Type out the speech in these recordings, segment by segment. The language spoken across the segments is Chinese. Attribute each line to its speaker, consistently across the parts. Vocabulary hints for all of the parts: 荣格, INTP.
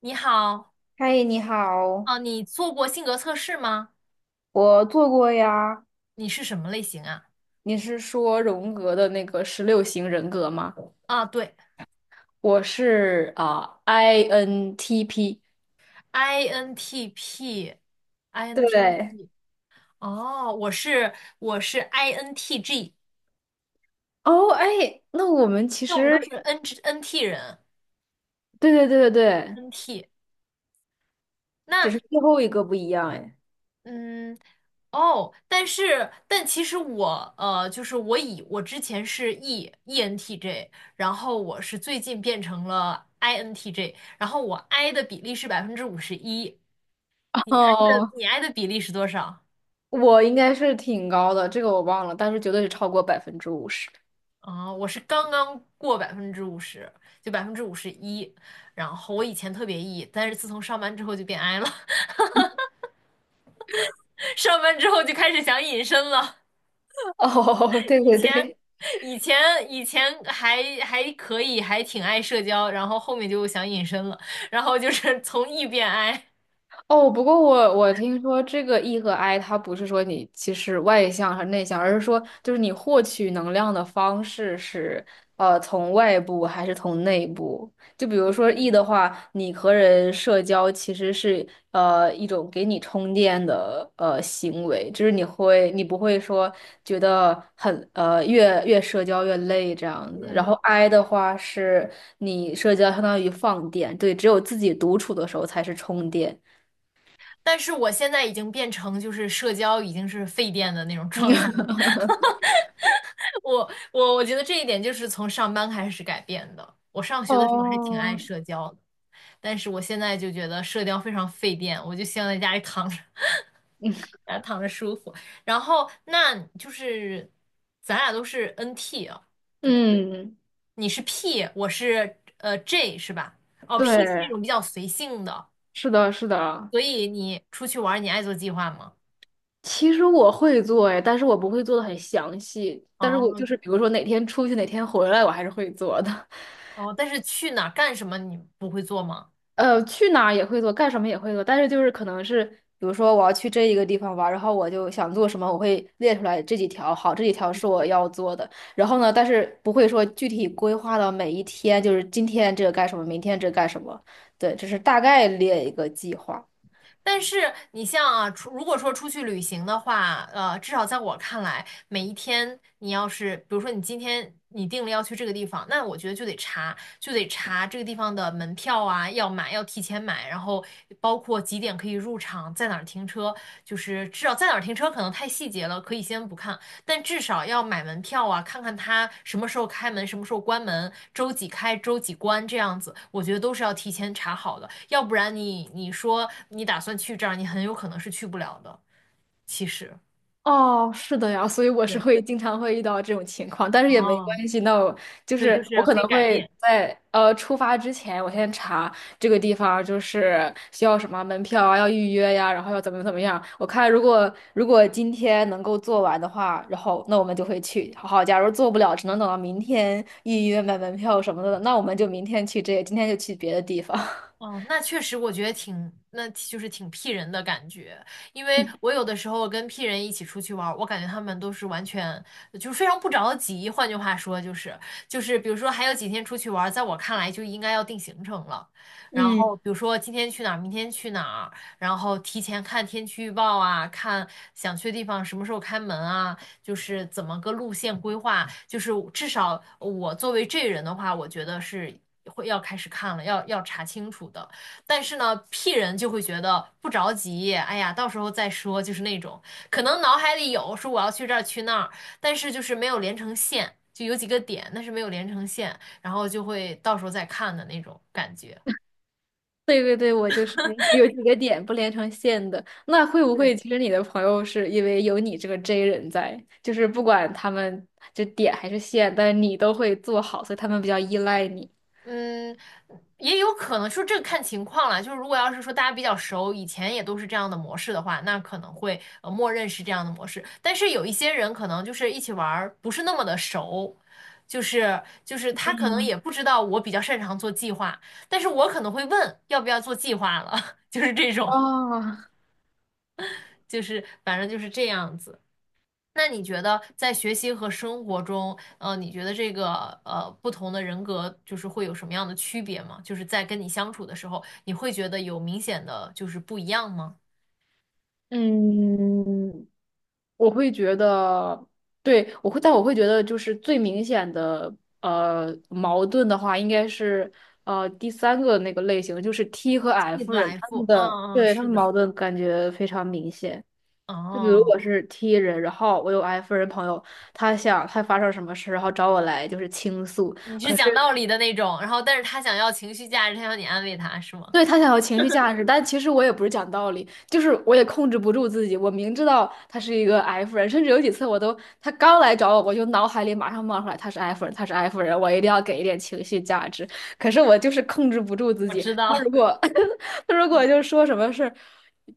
Speaker 1: 你好，
Speaker 2: 嗨，你好，
Speaker 1: 啊，你做过性格测试吗？
Speaker 2: 我做过呀。
Speaker 1: 你是什么类型啊？
Speaker 2: 你是说荣格的那个十六型人格吗？
Speaker 1: 啊，对
Speaker 2: 我是啊、INTP。对，
Speaker 1: ，INTP，INTP，哦，我是 INTG，
Speaker 2: 哦，哎，那我们其
Speaker 1: 那我们都是
Speaker 2: 实
Speaker 1: NT 人
Speaker 2: 对对对对对，
Speaker 1: ，NT。
Speaker 2: 只
Speaker 1: 那
Speaker 2: 是最后一个不一样哎。
Speaker 1: 嗯，哦，但其实我就是我之前是 E ENTJ，然后我是最近变成了 INTJ，然后我 I 的比例是百分之五十一，你 I 的
Speaker 2: 哦，
Speaker 1: 你 I 的比例是多少？
Speaker 2: 我应该是挺高的，这个我忘了，但是绝对是超过50%。
Speaker 1: 啊，我是刚刚过百分之五十，就百分之五十一。然后我以前特别 E，但是自从上班之后就变 I 了，上班之后就开始想隐身了。
Speaker 2: 哦，对
Speaker 1: 以
Speaker 2: 对
Speaker 1: 前，
Speaker 2: 对，
Speaker 1: 以前，以前还可以，还挺爱社交，然后后面就想隐身了，然后就是从 E 变 I。
Speaker 2: 哦，不过我听说这个 E 和 I，它不是说你其实外向和内向，而是说就是你获取能量的方式是从外部还是从内部。就比如说 E 的话，你和人社交其实是一种给你充电的行为，就是你不会说觉得很越社交越累这样子。然后
Speaker 1: 嗯，
Speaker 2: I 的话是你社交相当于放电，对，只有自己独处的时候才是充电。
Speaker 1: 但是我现在已经变成就是社交已经是废电的那种状态。我觉得这一点就是从上班开始改变的。我上学的时候还挺爱
Speaker 2: 哦，
Speaker 1: 社交的，但是我现在就觉得社交非常费电，我就希望在家里躺着，
Speaker 2: 嗯，
Speaker 1: 然后躺着舒服。然后那就是咱俩都是 NT 啊，对，
Speaker 2: 嗯，
Speaker 1: 你是 P，我是J 是吧？哦，P 是那
Speaker 2: 对，
Speaker 1: 种比较随性的，
Speaker 2: 是的，是的。
Speaker 1: 所以你出去玩儿你爱做计划吗？
Speaker 2: 其实我会做哎，但是我不会做的很详细。但是我
Speaker 1: 哦
Speaker 2: 就是比如说哪天出去，哪天回来，我还是会做的。
Speaker 1: 哦，但是去哪儿干什么你不会做吗？
Speaker 2: 呃，去哪儿也会做，干什么也会做。但是就是可能是，比如说我要去这一个地方玩儿然后我就想做什么，我会列出来这几条。好，这几条是我要做的。然后呢，但是不会说具体规划到每一天，就是今天这个干什么，明天这个干什么。对，只是大概列一个计划。
Speaker 1: 但是你像啊，如果说出去旅行的话，至少在我看来，每一天你要是，比如说你今天你定了要去这个地方，那我觉得就得查这个地方的门票啊，要提前买，然后包括几点可以入场，在哪儿停车，就是至少在哪儿停车可能太细节了，可以先不看，但至少要买门票啊，看看它什么时候开门，什么时候关门，周几开，周几关这样子，我觉得都是要提前查好的，要不然你说你打算去这儿，你很有可能是去不了的。其实，
Speaker 2: 哦，是的呀，所以我是
Speaker 1: 对，
Speaker 2: 会经常会遇到这种情况，但是也没
Speaker 1: 哦，
Speaker 2: 关系。那我就
Speaker 1: 对，就
Speaker 2: 是我
Speaker 1: 是
Speaker 2: 可
Speaker 1: 可
Speaker 2: 能
Speaker 1: 以改
Speaker 2: 会
Speaker 1: 变。
Speaker 2: 在出发之前，我先查这个地方就是需要什么门票啊，要预约呀，然后要怎么怎么样。我看如果如果今天能够做完的话，然后那我们就会去。好，假如做不了，只能等到明天预约买门票什么的，那我们就明天去这个，今天就去别的地方。
Speaker 1: 哦，那确实，我觉得挺，那就是挺 P 人的感觉，因为我有的时候跟 P 人一起出去玩儿，我感觉他们都是完全就是非常不着急。换句话说，就是比如说还有几天出去玩儿，在我看来就应该要定行程了。然
Speaker 2: 嗯。
Speaker 1: 后比如说今天去哪儿，明天去哪儿，然后提前看天气预报啊，看想去的地方什么时候开门啊，就是怎么个路线规划，就是至少我作为这人的话，我觉得是会要开始看了，要查清楚的。但是呢，P 人就会觉得不着急，哎呀，到时候再说，就是那种可能脑海里有说我要去这儿去那儿，但是就是没有连成线，就有几个点，但是没有连成线，然后就会到时候再看的那种感觉。
Speaker 2: 对对对，我就是有几个点不连成线的。那会不
Speaker 1: 对。
Speaker 2: 会其实你的朋友是因为有你这个 J 人在，就是不管他们就点还是线，但你都会做好，所以他们比较依赖你。
Speaker 1: 嗯，也有可能，说这个看情况了。就是如果要是说大家比较熟，以前也都是这样的模式的话，那可能会默认是这样的模式。但是有一些人可能就是一起玩儿不是那么的熟，就是他可能也不知道我比较擅长做计划，但是我可能会问要不要做计划了，就是这种，
Speaker 2: 哦，
Speaker 1: 就是反正就是这样子。那你觉得在学习和生活中，你觉得这个不同的人格就是会有什么样的区别吗？就是在跟你相处的时候，你会觉得有明显的就是不一样吗
Speaker 2: 嗯，我会觉得，对，我会，但我会觉得，就是最明显的矛盾的话，应该是第三个那个类型，就是 T 和
Speaker 1: ？T
Speaker 2: F
Speaker 1: 和
Speaker 2: 人，他们
Speaker 1: F，嗯
Speaker 2: 的，
Speaker 1: 嗯，
Speaker 2: 对，他
Speaker 1: 是
Speaker 2: 们
Speaker 1: 的，
Speaker 2: 矛盾感觉非常明显。就比如
Speaker 1: 哦，
Speaker 2: 我是 T 人，然后我有 F 人朋友，他想他发生什么事，然后找我来就是倾诉，
Speaker 1: 你是
Speaker 2: 可是。
Speaker 1: 讲道理的那种，然后但是他想要情绪价值，他要你安慰他，是吗？
Speaker 2: 对，他想要情绪价值，但其实我也不是讲道理，就是我也控制不住自己。我明知道他是一个 F 人，甚至有几次我都，他刚来找我，我就脑海里马上冒出来他是 F 人，他是 F 人，我一定要给一点情绪价值。可是我就是控制不住自
Speaker 1: 我
Speaker 2: 己。
Speaker 1: 知
Speaker 2: 他如
Speaker 1: 道，
Speaker 2: 果 他如果就是说什么事儿，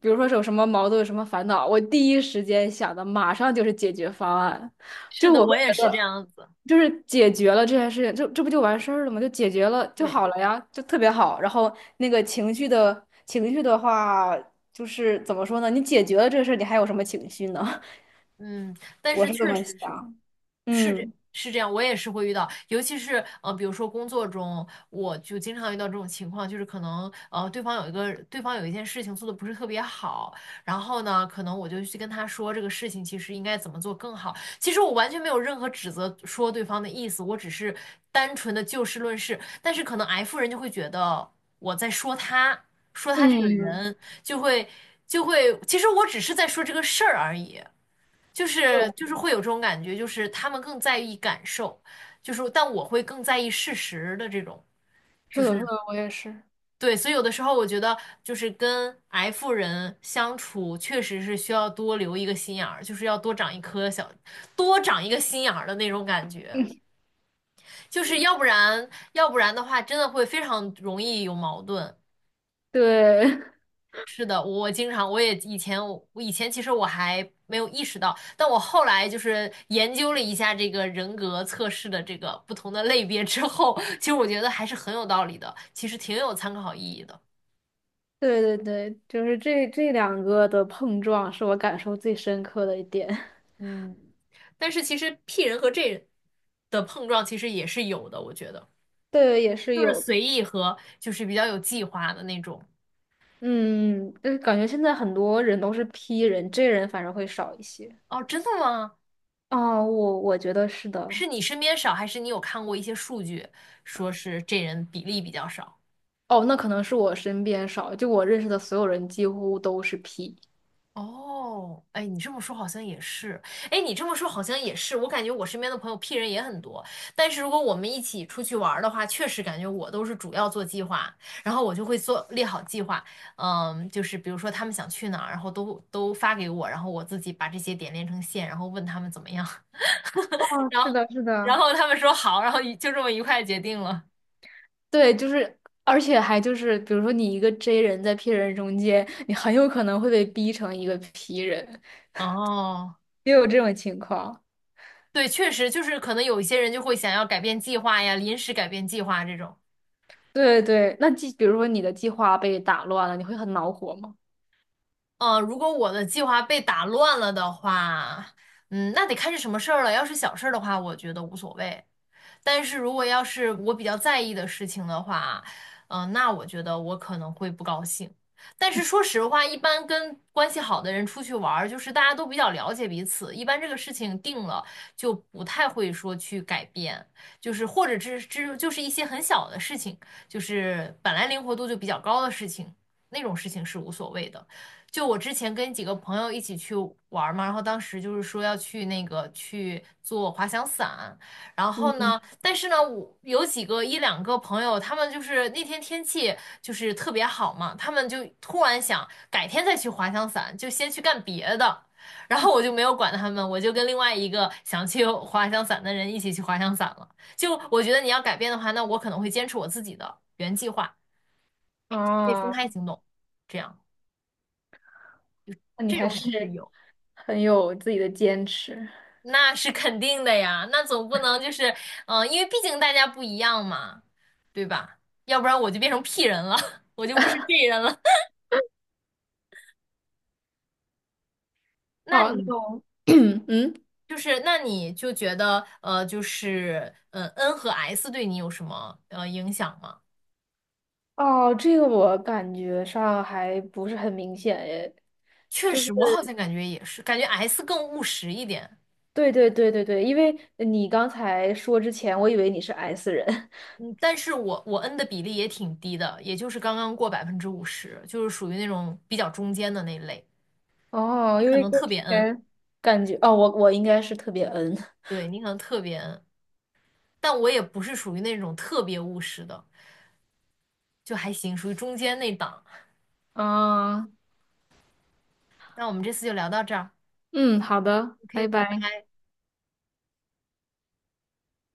Speaker 2: 比如说是有什么矛盾、有什么烦恼，我第一时间想的马上就是解决方案。
Speaker 1: 是
Speaker 2: 就
Speaker 1: 的，
Speaker 2: 我
Speaker 1: 我
Speaker 2: 会
Speaker 1: 也
Speaker 2: 觉
Speaker 1: 是这
Speaker 2: 得，
Speaker 1: 样子。
Speaker 2: 就是解决了这件事情，就这不就完事儿了吗？就解决了就
Speaker 1: 对，
Speaker 2: 好了呀，就特别好。然后那个情绪的话，就是怎么说呢？你解决了这个事儿，你还有什么情绪呢？
Speaker 1: 嗯，但
Speaker 2: 我
Speaker 1: 是
Speaker 2: 是这
Speaker 1: 确
Speaker 2: 么
Speaker 1: 实是。
Speaker 2: 想。嗯
Speaker 1: 是这样，我也是会遇到，尤其是比如说工作中，我就经常遇到这种情况，就是可能对方有一个对方有一件事情做的不是特别好，然后呢，可能我就去跟他说这个事情其实应该怎么做更好。其实我完全没有任何指责说对方的意思，我只是单纯的就事论事。但是可能 F 人就会觉得我在说他，说他这个
Speaker 2: 嗯，
Speaker 1: 人，就会就会，其实我只是在说这个事儿而已。就是就
Speaker 2: 对，
Speaker 1: 是会有这种感觉，就是他们更在意感受，就是但我会更在意事实的这种，
Speaker 2: 是
Speaker 1: 就是
Speaker 2: 的，是的，我也是。
Speaker 1: 对，所以有的时候我觉得就是跟 F 人相处，确实是需要多留一个心眼儿，就是要多长一颗小，多长一个心眼儿的那种感觉，就是要不然的话，真的会非常容易有矛盾。
Speaker 2: 对
Speaker 1: 是的，我经常，我以前其实我还没有意识到，但我后来就是研究了一下这个人格测试的这个不同的类别之后，其实我觉得还是很有道理的，其实挺有参考意义的。
Speaker 2: 对对对，就是这两个的碰撞是我感受最深刻的一点。
Speaker 1: 嗯，但是其实 P 人和 J 人的碰撞其实也是有的，我觉得
Speaker 2: 对，也是
Speaker 1: 就是
Speaker 2: 有，
Speaker 1: 随意和就是比较有计划的那种。
Speaker 2: 嗯，就是感觉现在很多人都是 P 人，J 人反而会少一些。
Speaker 1: 哦，真的吗？
Speaker 2: 哦，我我觉得是的。
Speaker 1: 是你身边少，还是你有看过一些数据说是这人比例比较少？
Speaker 2: 哦，那可能是我身边少，就我认识的所有人几乎都是 P。
Speaker 1: 哦，哎，你这么说好像也是，哎，你这么说好像也是，我感觉我身边的朋友 P 人也很多，但是如果我们一起出去玩儿的话，确实感觉我都是主要做计划，然后我就会列好计划，嗯，就是比如说他们想去哪儿，然后都发给我，然后我自己把这些点连成线，然后问他们怎么样，
Speaker 2: 哦，
Speaker 1: 然
Speaker 2: 是
Speaker 1: 后
Speaker 2: 的，是
Speaker 1: 然
Speaker 2: 的。
Speaker 1: 后他们说好，然后一就这么愉快地决定了。
Speaker 2: 对，就是，而且还就是，比如说你一个 J 人在 P 人中间，你很有可能会被逼成一个 P 人，
Speaker 1: 哦，
Speaker 2: 也有这种情况。
Speaker 1: 对，确实就是可能有一些人就会想要改变计划呀，临时改变计划这种。
Speaker 2: 对对，那计，比如说你的计划被打乱了，你会很恼火吗？
Speaker 1: 嗯，如果我的计划被打乱了的话，那得看是什么事儿了。要是小事儿的话，我觉得无所谓。但是如果要是我比较在意的事情的话，那我觉得我可能会不高兴。但是说实话，一般跟关系好的人出去玩儿，就是大家都比较了解彼此，一般这个事情定了就不太会说去改变，就是或者只就是一些很小的事情，就是本来灵活度就比较高的事情，那种事情是无所谓的。就我之前跟几个朋友一起去玩儿嘛，然后当时就是说要去去做滑翔伞。然后呢，但是呢，我有一两个朋友，他们就是那天天气就是特别好嘛，他们就突然想改天再去滑翔伞，就先去干别的。然后我就没有管他们，我就跟另外一个想去滑翔伞的人一起去滑翔伞了。就我觉得你要改变的话，那我可能会坚持我自己的原计划，可以分
Speaker 2: 哦，
Speaker 1: 开行动，这样
Speaker 2: 那你
Speaker 1: 这
Speaker 2: 还
Speaker 1: 种也是
Speaker 2: 是
Speaker 1: 有。
Speaker 2: 很有自己的坚持。
Speaker 1: 那是肯定的呀，那总不能就是，因为毕竟大家不一样嘛，对吧？要不然我就变成 P 人了，我就不是 J 人了。那
Speaker 2: 好，
Speaker 1: 你
Speaker 2: 那我，嗯。
Speaker 1: 那你就觉得，就是，n 和 S 对你有什么影响吗？
Speaker 2: 哦，这个我感觉上还不是很明显诶，
Speaker 1: 确
Speaker 2: 就是
Speaker 1: 实，我好像感觉也是，感觉 S 更务实一点，
Speaker 2: 对对对对对，因为你刚才说之前，我以为你是 S 人
Speaker 1: 嗯，但是我 N 的比例也挺低的，也就是刚刚过百分之五十，就是属于那种比较中间的那类。
Speaker 2: 哦，
Speaker 1: 你
Speaker 2: 因
Speaker 1: 可
Speaker 2: 为
Speaker 1: 能
Speaker 2: 跟
Speaker 1: 特
Speaker 2: 之
Speaker 1: 别 N，
Speaker 2: 前感觉哦，我我应该是特别 N
Speaker 1: 对，你可能特别 N。但我也不是属于那种特别务实的，就还行，属于中间那档。
Speaker 2: 啊，
Speaker 1: 那我们这次就聊到这儿
Speaker 2: 嗯，好的，
Speaker 1: ，OK，
Speaker 2: 拜
Speaker 1: 拜
Speaker 2: 拜。
Speaker 1: 拜。